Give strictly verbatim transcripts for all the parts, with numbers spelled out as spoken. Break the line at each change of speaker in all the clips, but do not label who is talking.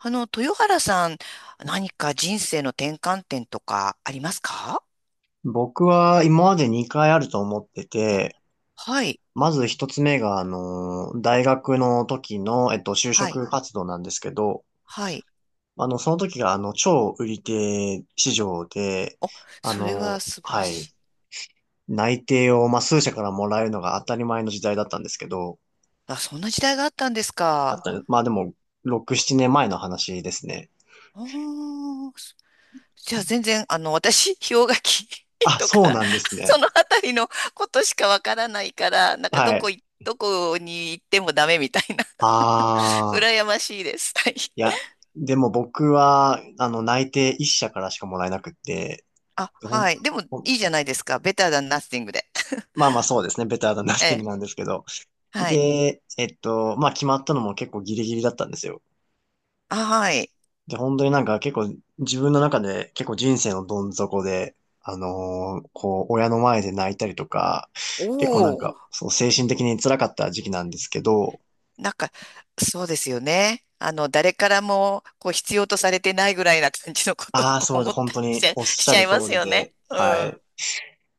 あの、豊原さん、何か人生の転換点とかありますか？
僕は今までにかいあると思ってて、
はい、
まずひとつめが、あの、大学の時の、えっと、就
はい、
職活動なんですけど、
はい。
あの、その時が、あの、超売り手市場で、
お、
あ
それは
の、
素晴ら
はい、
しい。
内定を、まあ、数社からもらえるのが当たり前の時代だったんですけど、
あ、そんな時代があったんです
あっ
か。
たまあ、でも、ろく、ななねんまえの話ですね。
おー、じゃあ全然、あの、私、氷河期
あ、
と
そう
か、
なんです
そ
ね。
のあたりのことしかわからないから、な んかど
は
こ
い。
い、どこに行ってもダメみたいな、
ああ、
羨ましいです。はい。
いや、でも僕は、あの、内定いっしゃ社からしかもらえなくって、
あ、
ほん
はい。でも、い
ほん
いじゃないですか。ベターダンナッシングで。
まあまあそうですね。ベターなナ ッ
え
ティングな
え、
んですけど。
はい。
で、えっと、まあ決まったのも結構ギリギリだったんですよ。
あ、はい。
で、本当になんか結構自分の中で結構人生のどん底で、あのーこう、親の前で泣いたりとか、
お
結構なん
お。
か、そう、精神的に辛かった時期なんですけど、
なんか、そうですよね。あの、誰からも、こう、必要とされてないぐらいな感じのことを、
ああ、
こう、
そうで
思
す。
っ
本
た
当
りし
に
ちゃ、
おっ
し
しゃ
ちゃ
る
い
通
ます
り
よ
で、
ね。う
は
ん。
い。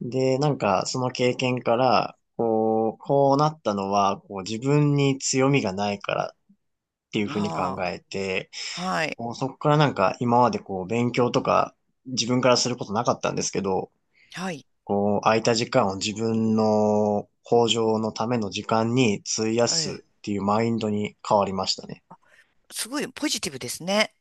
で、なんか、その経験から、こう、こうなったのは、こう、自分に強みがないからっていうふうに考
あ
えて、
あ、はい。
こう、そこからなんか今までこう勉強とか自分からすることなかったんですけど、
はい。
こう空いた時間を自分の向上のための時間に費や
ええ。
すっていうマインドに変わりましたね。
すごいポジティブですね。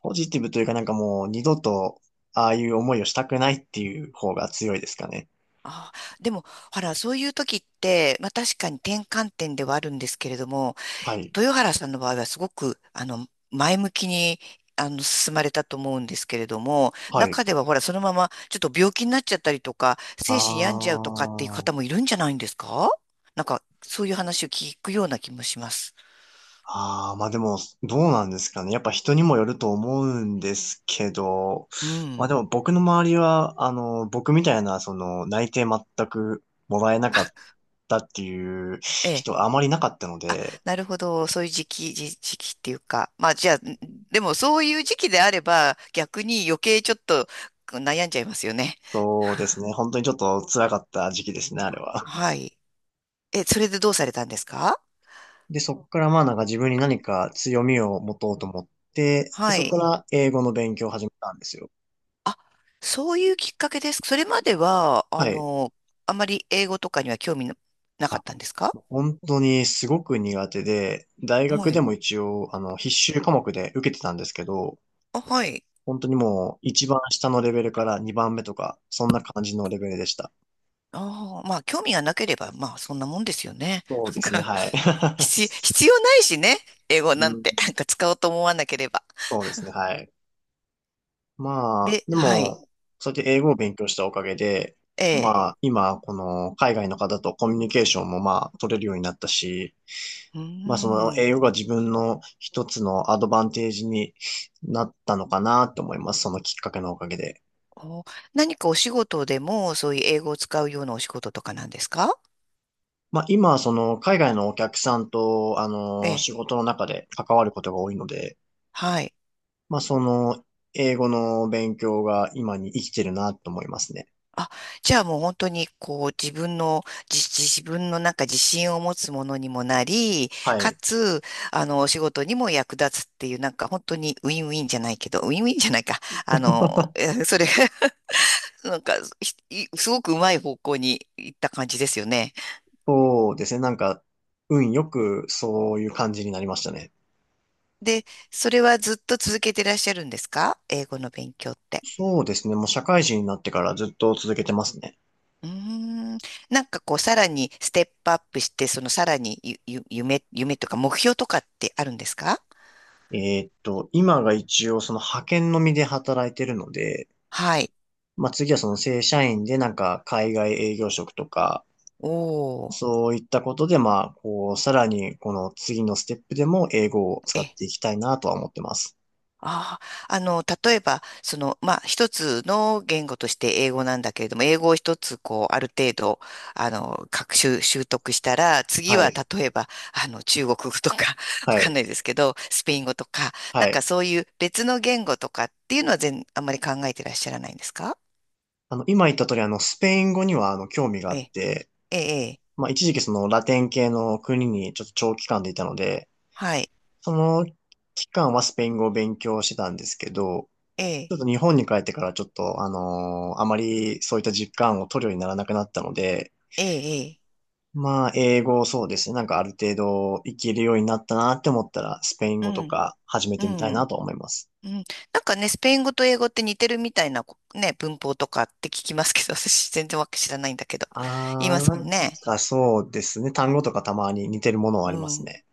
ポジティブというかなんかもう二度とああいう思いをしたくないっていう方が強いですかね。
ああ、でも、ほら、そういう時って、まあ確かに転換点ではあるんですけれども、
はい。
豊原さんの場合はすごく、あの、前向きに、あの、進まれたと思うんですけれども、
はい。
中ではほら、そのままちょっと病気になっちゃったりとか、精神病んじ
あ
ゃうとかっていう方
ー。
もいるんじゃないんですか？なんか、そういう話を聞くような気もします。
ああ、まあでも、どうなんですかね。やっぱ人にもよると思うんですけど、
う
まあ
ん。
でも僕の周りは、あの、僕みたいな、その、内定全くもらえなかったっていう
ええ。
人はあまりなかったので、
なるほど。そういう時期、時、時期っていうか。まあ、じゃあ、でもそういう時期であれば、逆に余計ちょっと悩んじゃいますよね。
そうですね。本当にちょっと辛かった時期ですね、あれは。
はい。え、それでどうされたんですか？
で、そこからまあなんか自分に何か強みを持とうと思って、で、
は
そ
い。
こから英語の勉強を始めたんですよ。
あ、そういうきっかけです。それまでは、あ
はい。
の、あまり英語とかには興味ななか
あ
ったんですか？
本当にすごく苦手で、大
は
学で
い。
も一応、あの、必修科目で受けてたんですけど、
あ、はい。
本当にもう一番下のレベルからにばんめとか、そんな感じのレベルでした。
ああ、まあ、興味がなければ、まあ、そんなもんですよね。
そうで す
な
ね、
んか、
はい。
必、必要ないしね。英語
う
なん
ん、
て、なんか使おうと思わなければ。
そうですね、はい。まあ、
で、
で
はい。
も、そうやって英語を勉強したおかげで、
ええ。
まあ、今、この海外の方とコミュニケーションもまあ、取れるようになったし、
うー
まあ、その
ん。
英語が自分の一つのアドバンテージになったのかなと思います。そのきっかけのおかげで。
お、何かお仕事でも、そういう英語を使うようなお仕事とかなんですか？
まあ、今、その、海外のお客さんと、あ
え
の、
え。
仕事の中で関わることが多いので、
はい。
まあ、その、英語の勉強が今に生きてるなと思いますね。
あ、じゃあもう本当にこう自分の、じ、自分のなんか自信を持つものにもなり、
は
か
い。
つ、あの、お仕事にも役立つっていう、なんか本当にウィンウィンじゃないけど、ウィンウィンじゃないか。あの、え それが なんか、ひいすごくうまい方向に行った感じですよね。
そうですね。なんか、運よくそういう感じになりましたね。
で、それはずっと続けてらっしゃるんですか？英語の勉強って。
そうですね。もう社会人になってからずっと続けてますね。
うーん、なんかこう、さらにステップアップして、そのさらにゆ、ゆ、夢、夢とか目標とかってあるんですか？
えーっと、今が一応その派遣のみで働いてるので、
はい。
まあ、次はその正社員でなんか海外営業職とか、
おお、
そういったことで、まあ、こう、さらに、この次のステップでも英語を使
え、
っていきたいなとは思ってます。
ああ、あの、例えば、その、まあ、一つの言語として英語なんだけれども、英語を一つ、こう、ある程度、あの、学習、習得したら、次
は
は、
い。
例えば、あの、中国語とか、わ
は
かん
い。
ないですけど、スペイン語とか、
は
なん
い。
かそういう別の言語とかっていうのは全、あんまり考えてらっしゃらないんですか？
あの、今言った通り、あの、スペイン語には、あの、興味があ
え
っ
え、
て、
ええ、ええ
まあ、一時期そのラテン系の国にちょっと長期間でいたので、
はい、
その期間はスペイン語を勉強してたんですけど、
ええ、
ちょっと日本に帰ってからちょっと、あのーあまりそういった実感を取るようにならなくなったので、
ええ、ええ
まあ、英語そうですね。なんかある程度いけるようになったなって思ったら、スペイン
う
語と
ん、
か始め
う
てみたいな
ん。
と思います。
うん、なんかね、スペイン語と英語って似てるみたいなこね、文法とかって聞きますけど、私全然わけ知らないんだけど。言い
あー、
ます
な
もん
ん
ね。
かそうですね。単語とかたまに似てるものは
う
あります
ん。
ね。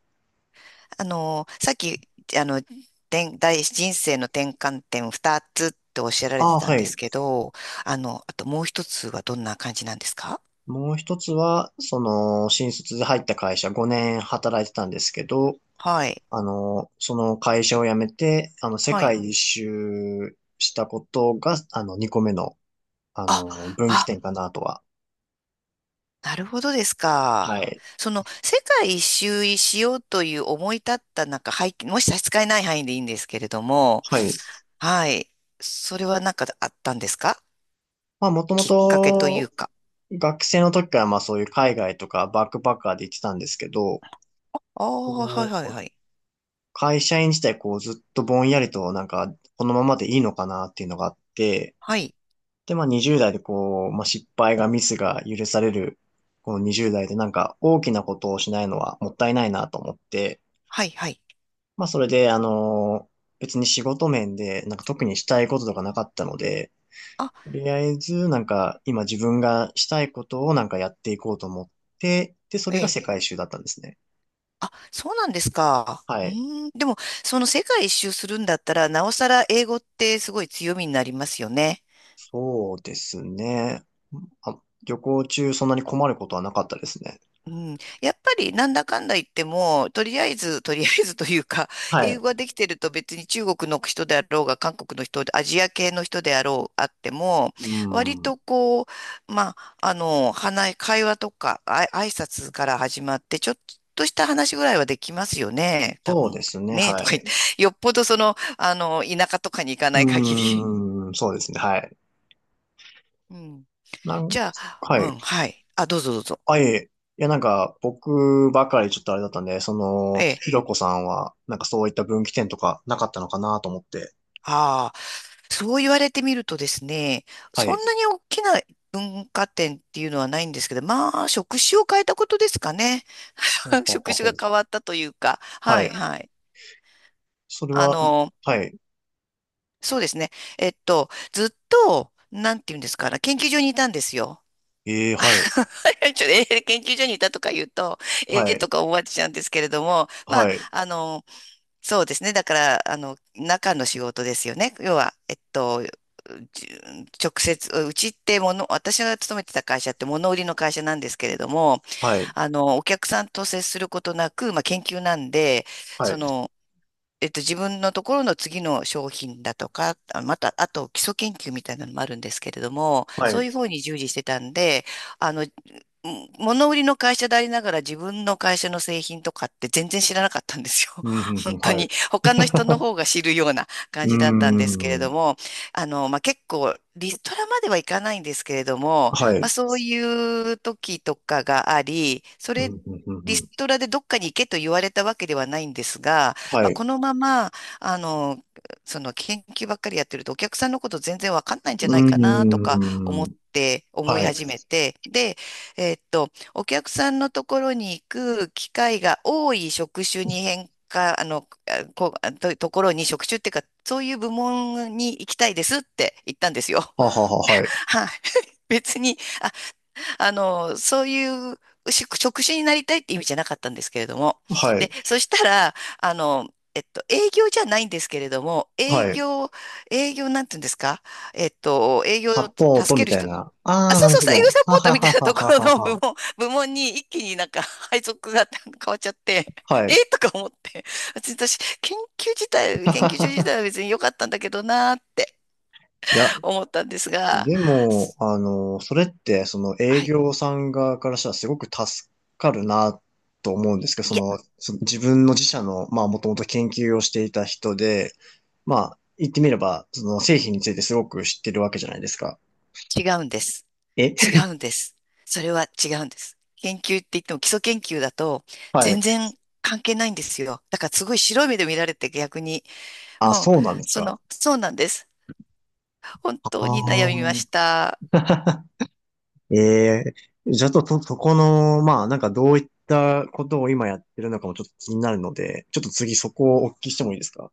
あの、さっき、あの、てん大人生の転換点ふたつっておっしゃられ
あ
て
あ
たん
は
です
い。
けど、あの、あともう一つはどんな感じなんですか？
もう一つは、その、新卒で入った会社ごねん働いてたんですけど、
はい。
あの、その会社を辞めて、あの、世
はい。
界一周したことが、あの、にこめの、あ
あ、
の、分岐
あ、
点かなとは。
なるほどです
は
か。
い。
その、世界一周しようという思い立ったなんか背景、もし差し支えない範囲でいいんですけれども、
はい。
はい。それはなんかあったんですか？
まあ、もとも
きっかけという
と、
か。
学生の時からまあそういう海外とかバックパッカーで行ってたんですけど、
ああ、は
こ
いはい
う
はい。
会社員自体こうずっとぼんやりとなんかこのままでいいのかなっていうのがあって、
はい。
でまあにじゅうだい代でこう、まあ、失敗がミスが許されるこのにじゅうだい代でなんか大きなことをしないのはもったいないなと思って、
はいはい。
まあそれであの、別に仕事面でなんか特にしたいこととかなかったので、
あ、
とりあえず、なんか、今自分がしたいことをなんかやっていこうと思って、で、それが
え
世
え。
界一周だったんですね。
あ、そうなんですか。
は
う
い。
ーん。でも、その世界一周するんだったら、なおさら英語ってすごい強みになりますよね。
そうですね。あ、旅行中そんなに困ることはなかったですね。
うん、やっぱりなんだかんだ言っても、とりあえず、とりあえず、というか、
は
英
い。
語ができてると別に中国の人であろうが、韓国の人で、アジア系の人であろう、あっても、
う
割と
ん。
こう、まあ、あの、話、会話とか、あい、挨拶から始まって、ちょっとした話ぐらいはできますよね、多
そう
分。
ですね。
ねえ、
は
とか言っ
い。
て、よっぽどその、あの、田舎とかに行かない限
う
り。
ーん。そうですね。はい。
うん。
なん、
じゃあ、
は
うん、
い。
はい。あ、どうぞどうぞ。
あ、いえいえ。いや、なんか、僕ばかりちょっとあれだったんで、その、
ええ。
ひろこさんは、なんかそういった分岐点とかなかったのかなと思って。
ああ。そう言われてみるとですね、
は
そ
い。
んなに大きな文化展っていうのはないんですけど、まあ、職種を変えたことですかね。
ほう ほうほ
職
う
種
ほう
が変わったというか、は
はい。
いはい。
それ
あ
は、
の、
はい。
そうですね。えっと、ずっと、なんていうんですかね、研究所にいたんですよ。
ええ、はい。
ちょっとえー研究所にいたとか言うと、え
は
えと
い。
か思われちゃうんですけれども、ま
は
あ、
い。
あの、そうですね。だから、あの、中の仕事ですよね。要は、えっと、じ直接、うちってもの、私が勤めてた会社って物売りの会社なんですけれども、
はい。
あの、お客さんと接することなく、まあ、研究なんで、
は
そ
い。
の、えっと、自分のところの次の商品だとか、あまた、あと基礎研究みたいなのもあるんですけれども、
は
そう
い。
いうふうに従事してたんで、あの、うん物売りの会社でありながら自分の会社の製品とかって全然知らなかったんですよ。
うん、うん、う
本
ん、
当
はい。
に他の人の方が知るような
う
感
ー
じだったんですけれ
ん。
ども、あの、まあ、結構リストラまではいかないんですけれども、
は
まあ、
い。
そういう時とかがあり、そ
うん、
れ
うん、うん、
リ
う
ス
ん。
トラでどっかに行けと言われたわけではないんですが、
は
まあ、
い。
このまま、あの、その研究ばっかりやってるとお客さんのこと全然わかんないん
う
じゃないかなとか思
ー
っ
ん。
て思い
はい。
始めて、で、えーっと、お客さんのところに行く機会が多い職種に変化、あの、あこ、あと、ところに職種っていうか、そういう部門に行きたいですって言ったんですよ。
ははは、はい。
はい。別に、あ、あの、そういう職職種になりたいって意味じゃなかったんですけれども。
は
で、
い。
そしたら、あの、えっと、営業じゃないんですけれども、営
はい。
業、営業なんて言うんですか？えっと、営業を
サ
助
ポート
け
み
る
たい
人
な。
あ、
ああ、
そ
な
う
る
そう
ほ
そう、営業
ど。
サポ
は
ート
は
みた
は
いな
は
とこ
は
ろ
は
の部
は。
門、部門に一気になんか 配属が 変わっちゃって、
は
え
い。
ー とか思って、別に私、研究自体、研究所自体は別に良かったんだけどなーって
いや、
思ったんですが、
でも、あの、それって、その営
はい。
業さん側からしたらすごく助かるなと思うんですけど、そ
いや、
の、その自分の自社の、まあ、もともと研究をしていた人で、まあ、言ってみれば、その製品についてすごく知ってるわけじゃないですか。
違うんです。
え
違うんです。それは違うんです。研究って言っても基礎研究だと
はい。
全然関係ないんですよ。だからすごい白い目で見られて逆に、
あ、
もう、
そうなんです
そ
か。
の、そうなんです。本
あ
当に悩み
あ。
ました。
ええじゃあと、と、そこの、まあ、なんかどういったことを今やってるのかもちょっと気になるので、ちょっと次そこをお聞きしてもいいですか？